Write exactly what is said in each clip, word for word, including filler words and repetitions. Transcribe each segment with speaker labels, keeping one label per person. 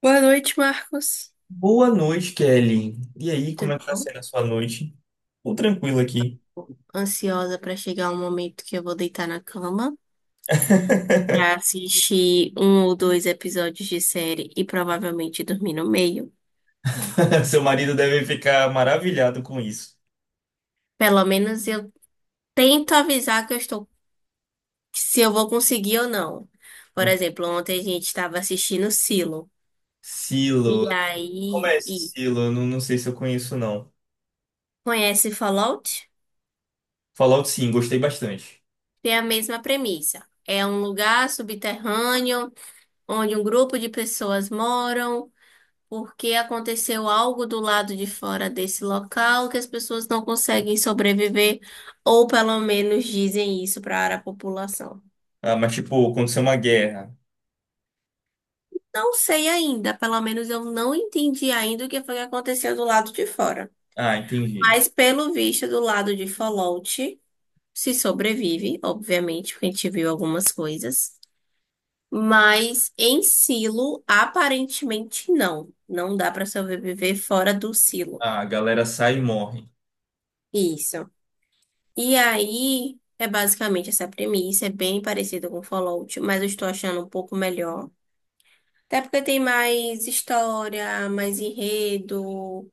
Speaker 1: Boa noite, Marcos.
Speaker 2: Boa noite, Kelly. E aí, como
Speaker 1: Tudo
Speaker 2: é que tá
Speaker 1: bom?
Speaker 2: sendo a sua noite? Tô tranquilo aqui.
Speaker 1: Ansiosa para chegar um momento que eu vou deitar na cama para assistir um ou dois episódios de série e provavelmente dormir no meio.
Speaker 2: Seu marido deve ficar maravilhado com isso.
Speaker 1: Pelo menos eu tento avisar que eu estou, se eu vou conseguir ou não. Por exemplo, ontem a gente estava assistindo Silo e
Speaker 2: Silo. Como é
Speaker 1: aí
Speaker 2: esse
Speaker 1: e
Speaker 2: Silo? Eu não, não sei se eu conheço, não.
Speaker 1: conhece Fallout?
Speaker 2: Fallout, sim, gostei bastante.
Speaker 1: Tem a mesma premissa. É um lugar subterrâneo onde um grupo de pessoas moram, porque aconteceu algo do lado de fora desse local que as pessoas não conseguem sobreviver, ou pelo menos dizem isso para a população.
Speaker 2: Ah, mas tipo, aconteceu uma guerra.
Speaker 1: Não sei ainda, pelo menos eu não entendi ainda o que foi que aconteceu do lado de fora.
Speaker 2: Ah, entendi.
Speaker 1: Mas pelo visto, do lado de Fallout, se sobrevive, obviamente, porque a gente viu algumas coisas. Mas em Silo, aparentemente não. Não dá para sobreviver fora do Silo.
Speaker 2: Ah, a galera sai e morre.
Speaker 1: Isso. E aí é basicamente essa premissa, é bem parecida com Fallout, mas eu estou achando um pouco melhor. Até porque tem mais história, mais enredo,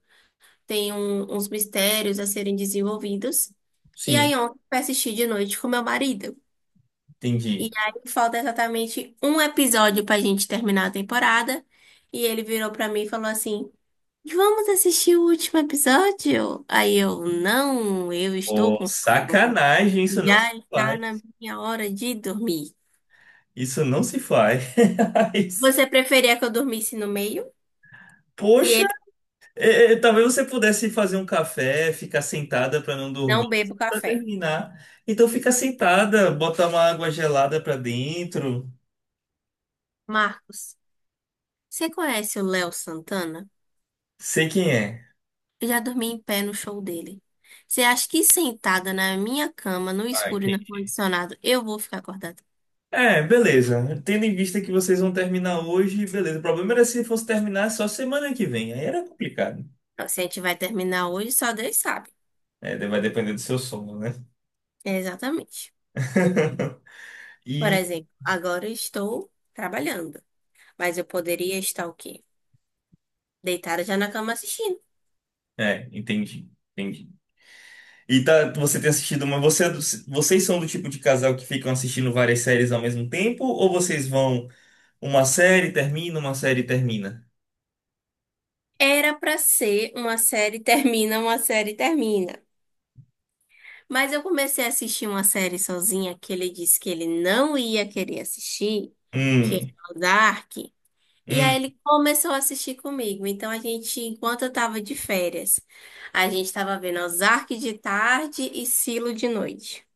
Speaker 1: tem um- uns mistérios a serem desenvolvidos. E aí
Speaker 2: Sim,
Speaker 1: ontem eu assisti de noite com meu marido. E
Speaker 2: entendi.
Speaker 1: aí falta exatamente um episódio pra gente terminar a temporada. E ele virou pra mim e falou assim: Vamos assistir o último episódio? Aí eu, não, eu estou
Speaker 2: Oh,
Speaker 1: com sono.
Speaker 2: sacanagem, isso não se
Speaker 1: Já está na
Speaker 2: faz.
Speaker 1: minha hora de dormir.
Speaker 2: Isso não se faz.
Speaker 1: Você preferia que eu dormisse no meio? E
Speaker 2: Poxa,
Speaker 1: ele
Speaker 2: É, é, talvez você pudesse fazer um café, ficar sentada para não
Speaker 1: não
Speaker 2: dormir,
Speaker 1: bebo
Speaker 2: para
Speaker 1: café.
Speaker 2: terminar. Então fica sentada, bota uma água gelada para dentro.
Speaker 1: Marcos, você conhece o Léo Santana?
Speaker 2: Sei quem é.
Speaker 1: Eu já dormi em pé no show dele. Você acha que sentada na minha cama, no
Speaker 2: Ah,
Speaker 1: escuro e no
Speaker 2: entendi.
Speaker 1: ar-condicionado, eu vou ficar acordada?
Speaker 2: É, beleza. Tendo em vista que vocês vão terminar hoje, beleza. O problema era se fosse terminar só semana que vem. Aí era complicado.
Speaker 1: Não, se a gente vai terminar hoje, só Deus sabe.
Speaker 2: É, vai depender do seu sono, né?
Speaker 1: É, exatamente. Por
Speaker 2: E
Speaker 1: exemplo, agora eu estou trabalhando, mas eu poderia estar o quê? Deitada já na cama assistindo.
Speaker 2: é, entendi, entendi. E tá, você tem assistido, mas você, é do- vocês são do tipo de casal que ficam assistindo várias séries ao mesmo tempo? Ou vocês vão Uma série termina, uma série termina.
Speaker 1: Era pra ser uma série termina, uma série termina. Mas eu comecei a assistir uma série sozinha que ele disse que ele não ia querer assistir, que é
Speaker 2: Hum,
Speaker 1: o Dark. E aí
Speaker 2: hum.
Speaker 1: ele começou a assistir comigo. Então a gente, enquanto eu tava de férias, a gente tava vendo Ozark de tarde e Silo de noite.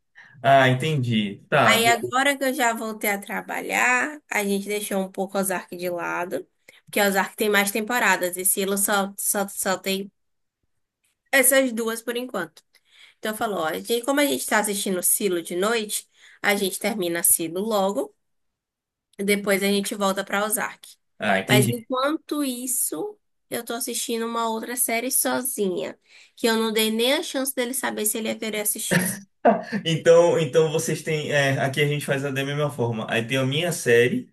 Speaker 2: Ah, entendi. Tá,
Speaker 1: Aí
Speaker 2: beleza.
Speaker 1: agora que eu já voltei a trabalhar, a gente deixou um pouco Ozark de lado, porque Ozark tem mais temporadas e Silo só, só, só tem essas duas por enquanto. Então falou, ó, a gente- como a gente tá assistindo Silo de noite, a gente termina Silo logo, e depois a gente volta pra Ozark.
Speaker 2: Ah,
Speaker 1: Mas
Speaker 2: entendi.
Speaker 1: enquanto isso, eu tô assistindo uma outra série sozinha, que eu não dei nem a chance dele saber se ele ia querer assistir.
Speaker 2: Então, então vocês têm. É, aqui a gente faz da mesma forma. Aí tem a minha série.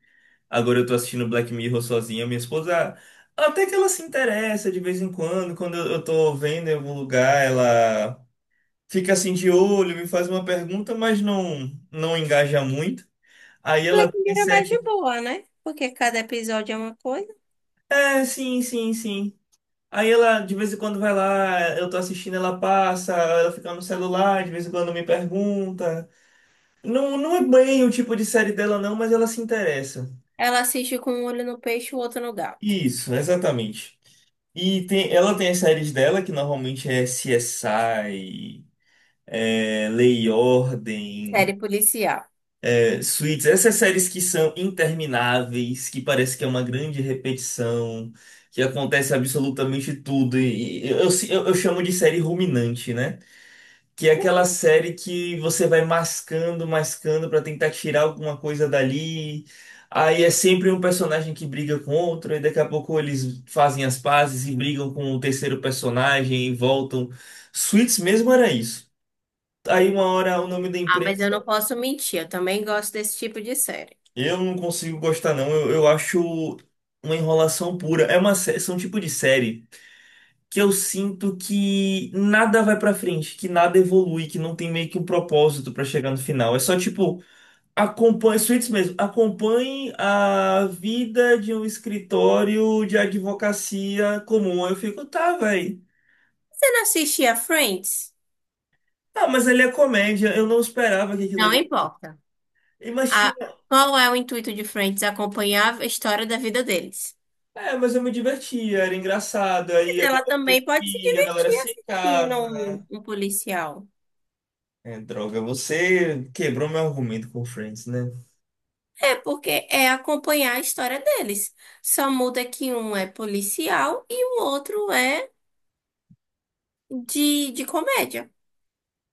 Speaker 2: Agora eu tô assistindo Black Mirror sozinha. Minha esposa. Até que ela se interessa de vez em quando. Quando eu eu tô vendo em algum lugar, ela fica assim de olho, me faz uma pergunta, mas não, não engaja muito. Aí
Speaker 1: Black
Speaker 2: ela tem
Speaker 1: Mirror é mais de
Speaker 2: série.
Speaker 1: boa, né? Porque cada episódio é uma coisa.
Speaker 2: É, sim, sim, sim. Aí ela de vez em quando vai lá, eu tô assistindo, ela passa, ela fica no celular, de vez em quando me pergunta. Não, não é bem o tipo de série dela não, mas ela se interessa.
Speaker 1: Ela assiste com um olho no peixe e o outro no gato.
Speaker 2: Isso, exatamente. E tem, ela tem as séries dela, que normalmente é C S I, é, Lei e Ordem,
Speaker 1: Série policial.
Speaker 2: é, Suits, essas séries que são intermináveis, que parece que é uma grande repetição, que acontece absolutamente tudo. E, e eu, eu eu chamo de série ruminante, né? Que é aquela série que você vai mascando, mascando pra tentar tirar alguma coisa dali. Aí é sempre um personagem que briga com outro, e daqui a pouco eles fazem as pazes e brigam com o terceiro personagem e voltam. Suits mesmo era isso. Aí uma hora o nome da
Speaker 1: Ah, mas
Speaker 2: empresa.
Speaker 1: eu não posso mentir, eu também gosto desse tipo de série.
Speaker 2: Eu não consigo gostar, não. Eu, eu acho uma enrolação pura. É uma, sé- são um tipo de série que eu sinto que nada vai pra frente, que nada evolui, que não tem meio que um propósito pra chegar no final. É só tipo. Acompanhe, Suítes mesmo, acompanhe a vida de um escritório de advocacia comum. Eu fico, tá, velho.
Speaker 1: Você não assistia Friends?
Speaker 2: Ah, mas ele é comédia, eu não esperava que aquilo
Speaker 1: Não
Speaker 2: ali.
Speaker 1: importa. A,
Speaker 2: Imagina,
Speaker 1: qual é o intuito de Friends? Acompanhar a história da vida deles.
Speaker 2: é, mas eu me divertia, era engraçado.
Speaker 1: Mas
Speaker 2: Aí a
Speaker 1: ela
Speaker 2: galera tem
Speaker 1: também pode se
Speaker 2: filho, a galera
Speaker 1: divertir
Speaker 2: se
Speaker 1: assistindo
Speaker 2: casa.
Speaker 1: um, um policial.
Speaker 2: É, droga, você quebrou meu argumento com Friends, né?
Speaker 1: É, porque é acompanhar a história deles. Só muda que um é policial e o outro é de, de comédia.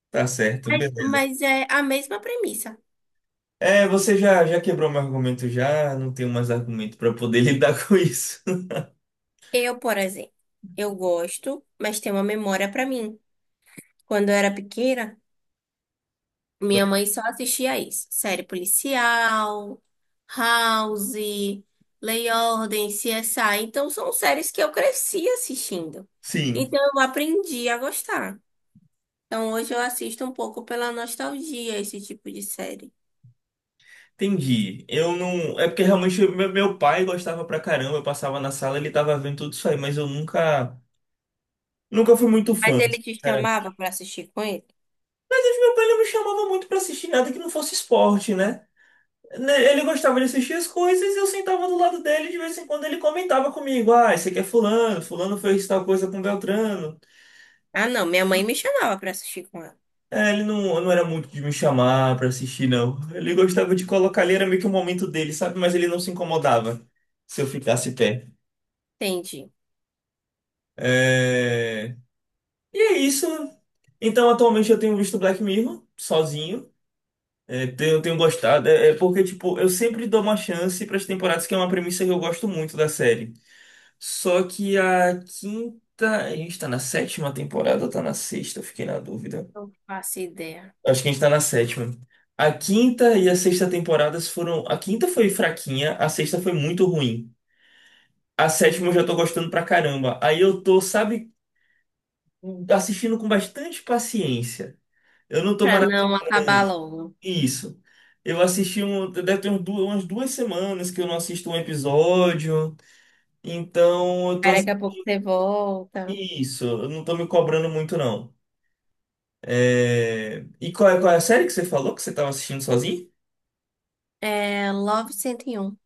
Speaker 2: Tá certo,
Speaker 1: Mas,
Speaker 2: beleza.
Speaker 1: mas é a mesma premissa.
Speaker 2: É, você já, já quebrou meu argumento já, não tenho mais argumento pra poder lidar com isso.
Speaker 1: Eu, por exemplo, eu gosto, mas tem uma memória pra mim. Quando eu era pequena, minha mãe só assistia isso. Série policial, House, Lei e Ordem, C S I. Então, são séries que eu cresci assistindo.
Speaker 2: Sim.
Speaker 1: Então, eu aprendi a gostar. Então, hoje eu assisto um pouco pela nostalgia esse tipo de série.
Speaker 2: Entendi. Eu não. É porque realmente meu meu pai gostava pra caramba, eu passava na sala, ele tava vendo tudo isso aí, mas eu nunca. Nunca fui muito
Speaker 1: Mas
Speaker 2: fã,
Speaker 1: ele te
Speaker 2: sinceramente.
Speaker 1: chamava pra assistir com ele?
Speaker 2: Mas meu pai não me chamava muito pra assistir nada que não fosse esporte, né? Né, Ele gostava de assistir as coisas e eu sentava do lado dele e de vez em quando ele comentava comigo: Ah, esse aqui é Fulano, Fulano fez tal coisa com Beltrano.
Speaker 1: Ah, não. Minha mãe me chamava pra assistir com ela.
Speaker 2: É, ele não, não era muito de me chamar pra assistir, não. Ele gostava de colocar ali, era meio que o momento dele, sabe? Mas ele não se incomodava se eu ficasse pé.
Speaker 1: Entendi.
Speaker 2: É, E é isso. Então, atualmente eu tenho visto Black Mirror sozinho. É, tenho, tenho gostado. É, é porque, tipo, eu sempre dou uma chance para as temporadas, que é uma premissa que eu gosto muito da série. Só que a quinta. A gente tá na sétima temporada ou tá na sexta? Eu fiquei na dúvida.
Speaker 1: Não faço ideia.
Speaker 2: Acho que a gente tá na sétima. A quinta e a sexta temporadas foram. A quinta foi fraquinha, a sexta foi muito ruim. A sétima eu já tô gostando pra caramba. Aí eu tô, sabe, assistindo com bastante paciência. Eu não tô
Speaker 1: Pra
Speaker 2: maratonando.
Speaker 1: não acabar logo.
Speaker 2: Isso. Eu assisti um, deve ter uns du- umas duas semanas que eu não assisto um episódio, então eu tô
Speaker 1: Aí daqui a
Speaker 2: assistindo
Speaker 1: pouco você volta.
Speaker 2: isso, eu não tô me cobrando muito não. É, E qual é, qual é a série que você falou que você tava assistindo sozinho?
Speaker 1: É Love cento e um.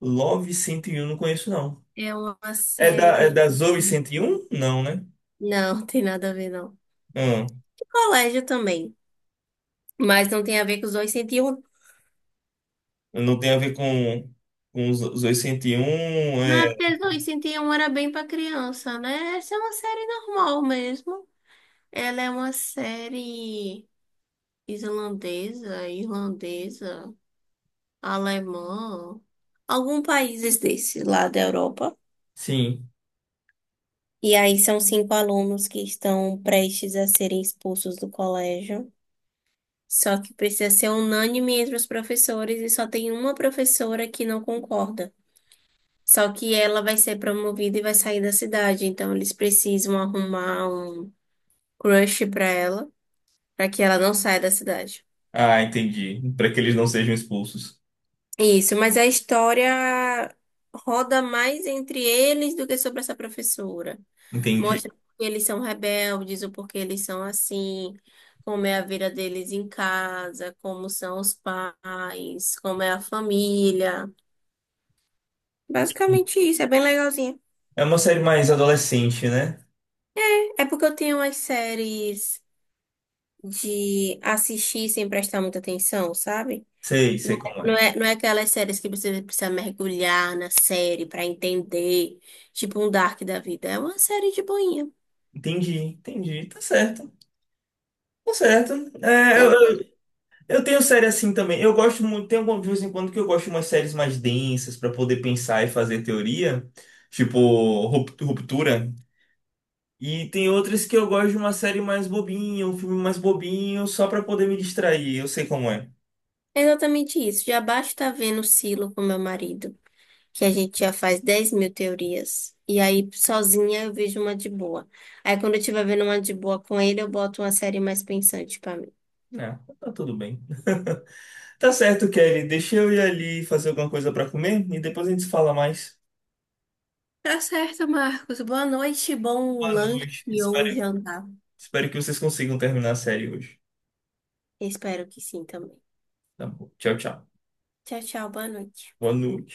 Speaker 2: Love cento e um, não conheço não.
Speaker 1: É uma
Speaker 2: É da, é
Speaker 1: série.
Speaker 2: da Zoe cento e um? Não, né?
Speaker 1: Não, tem nada a ver, não.
Speaker 2: Hum,
Speaker 1: De colégio também. Mas não tem a ver com os cento e um.
Speaker 2: não tem a ver com, com os os Zoe cento e um,
Speaker 1: Não, é
Speaker 2: é...
Speaker 1: porque os duzentos e um era bem pra criança, né? Essa é uma série normal mesmo. Ela é uma série islandesa, irlandesa, alemã, algum países desses lá da Europa.
Speaker 2: Sim.
Speaker 1: E aí são cinco alunos que estão prestes a serem expulsos do colégio. Só que precisa ser unânime entre os professores e só tem uma professora que não concorda. Só que ela vai ser promovida e vai sair da cidade, então eles precisam arrumar um crush pra ela, pra que ela não saia da cidade.
Speaker 2: Ah, entendi. Para que eles não sejam expulsos.
Speaker 1: Isso, mas a história roda mais entre eles do que sobre essa professora.
Speaker 2: Entendi.
Speaker 1: Mostra porque eles são rebeldes, o porquê eles são assim, como é a vida deles em casa, como são os pais, como é a família. Basicamente isso, é bem legalzinho.
Speaker 2: É uma série mais adolescente, né?
Speaker 1: É porque eu tenho umas séries de assistir sem prestar muita atenção, sabe?
Speaker 2: Sei,
Speaker 1: Não
Speaker 2: sei como
Speaker 1: é, não
Speaker 2: é.
Speaker 1: é, não é aquelas séries que você precisa mergulhar na série pra entender, tipo um Dark da vida. É uma série de boinha.
Speaker 2: Entendi, entendi. Tá certo. Tá certo. É, eu,
Speaker 1: Eu-
Speaker 2: eu, eu tenho série assim também. Eu gosto muito, tem algum de vez em quando que eu gosto de umas séries mais densas pra poder pensar e fazer teoria, tipo Rup- Ruptura. E tem outras que eu gosto de uma série mais bobinha, um filme mais bobinho, só pra poder me distrair. Eu sei como é.
Speaker 1: é exatamente isso. Já basta estar vendo Silo com meu marido, que a gente já faz dez mil teorias. E aí, sozinha, eu vejo uma de boa. Aí, quando eu estiver vendo uma de boa com ele, eu boto uma série mais pensante pra mim.
Speaker 2: Não, tá tudo bem. Tá certo, Kelly. Deixa eu ir ali fazer alguma coisa pra comer e depois a gente se fala mais.
Speaker 1: Tá certo, Marcos. Boa noite, bom
Speaker 2: Boa
Speaker 1: lanche
Speaker 2: noite. Espero,
Speaker 1: ou jantar.
Speaker 2: espero que vocês consigam terminar a série hoje.
Speaker 1: Espero que sim também.
Speaker 2: Tá bom. Tchau, tchau.
Speaker 1: Tchau, tchau, boa noite.
Speaker 2: Boa noite.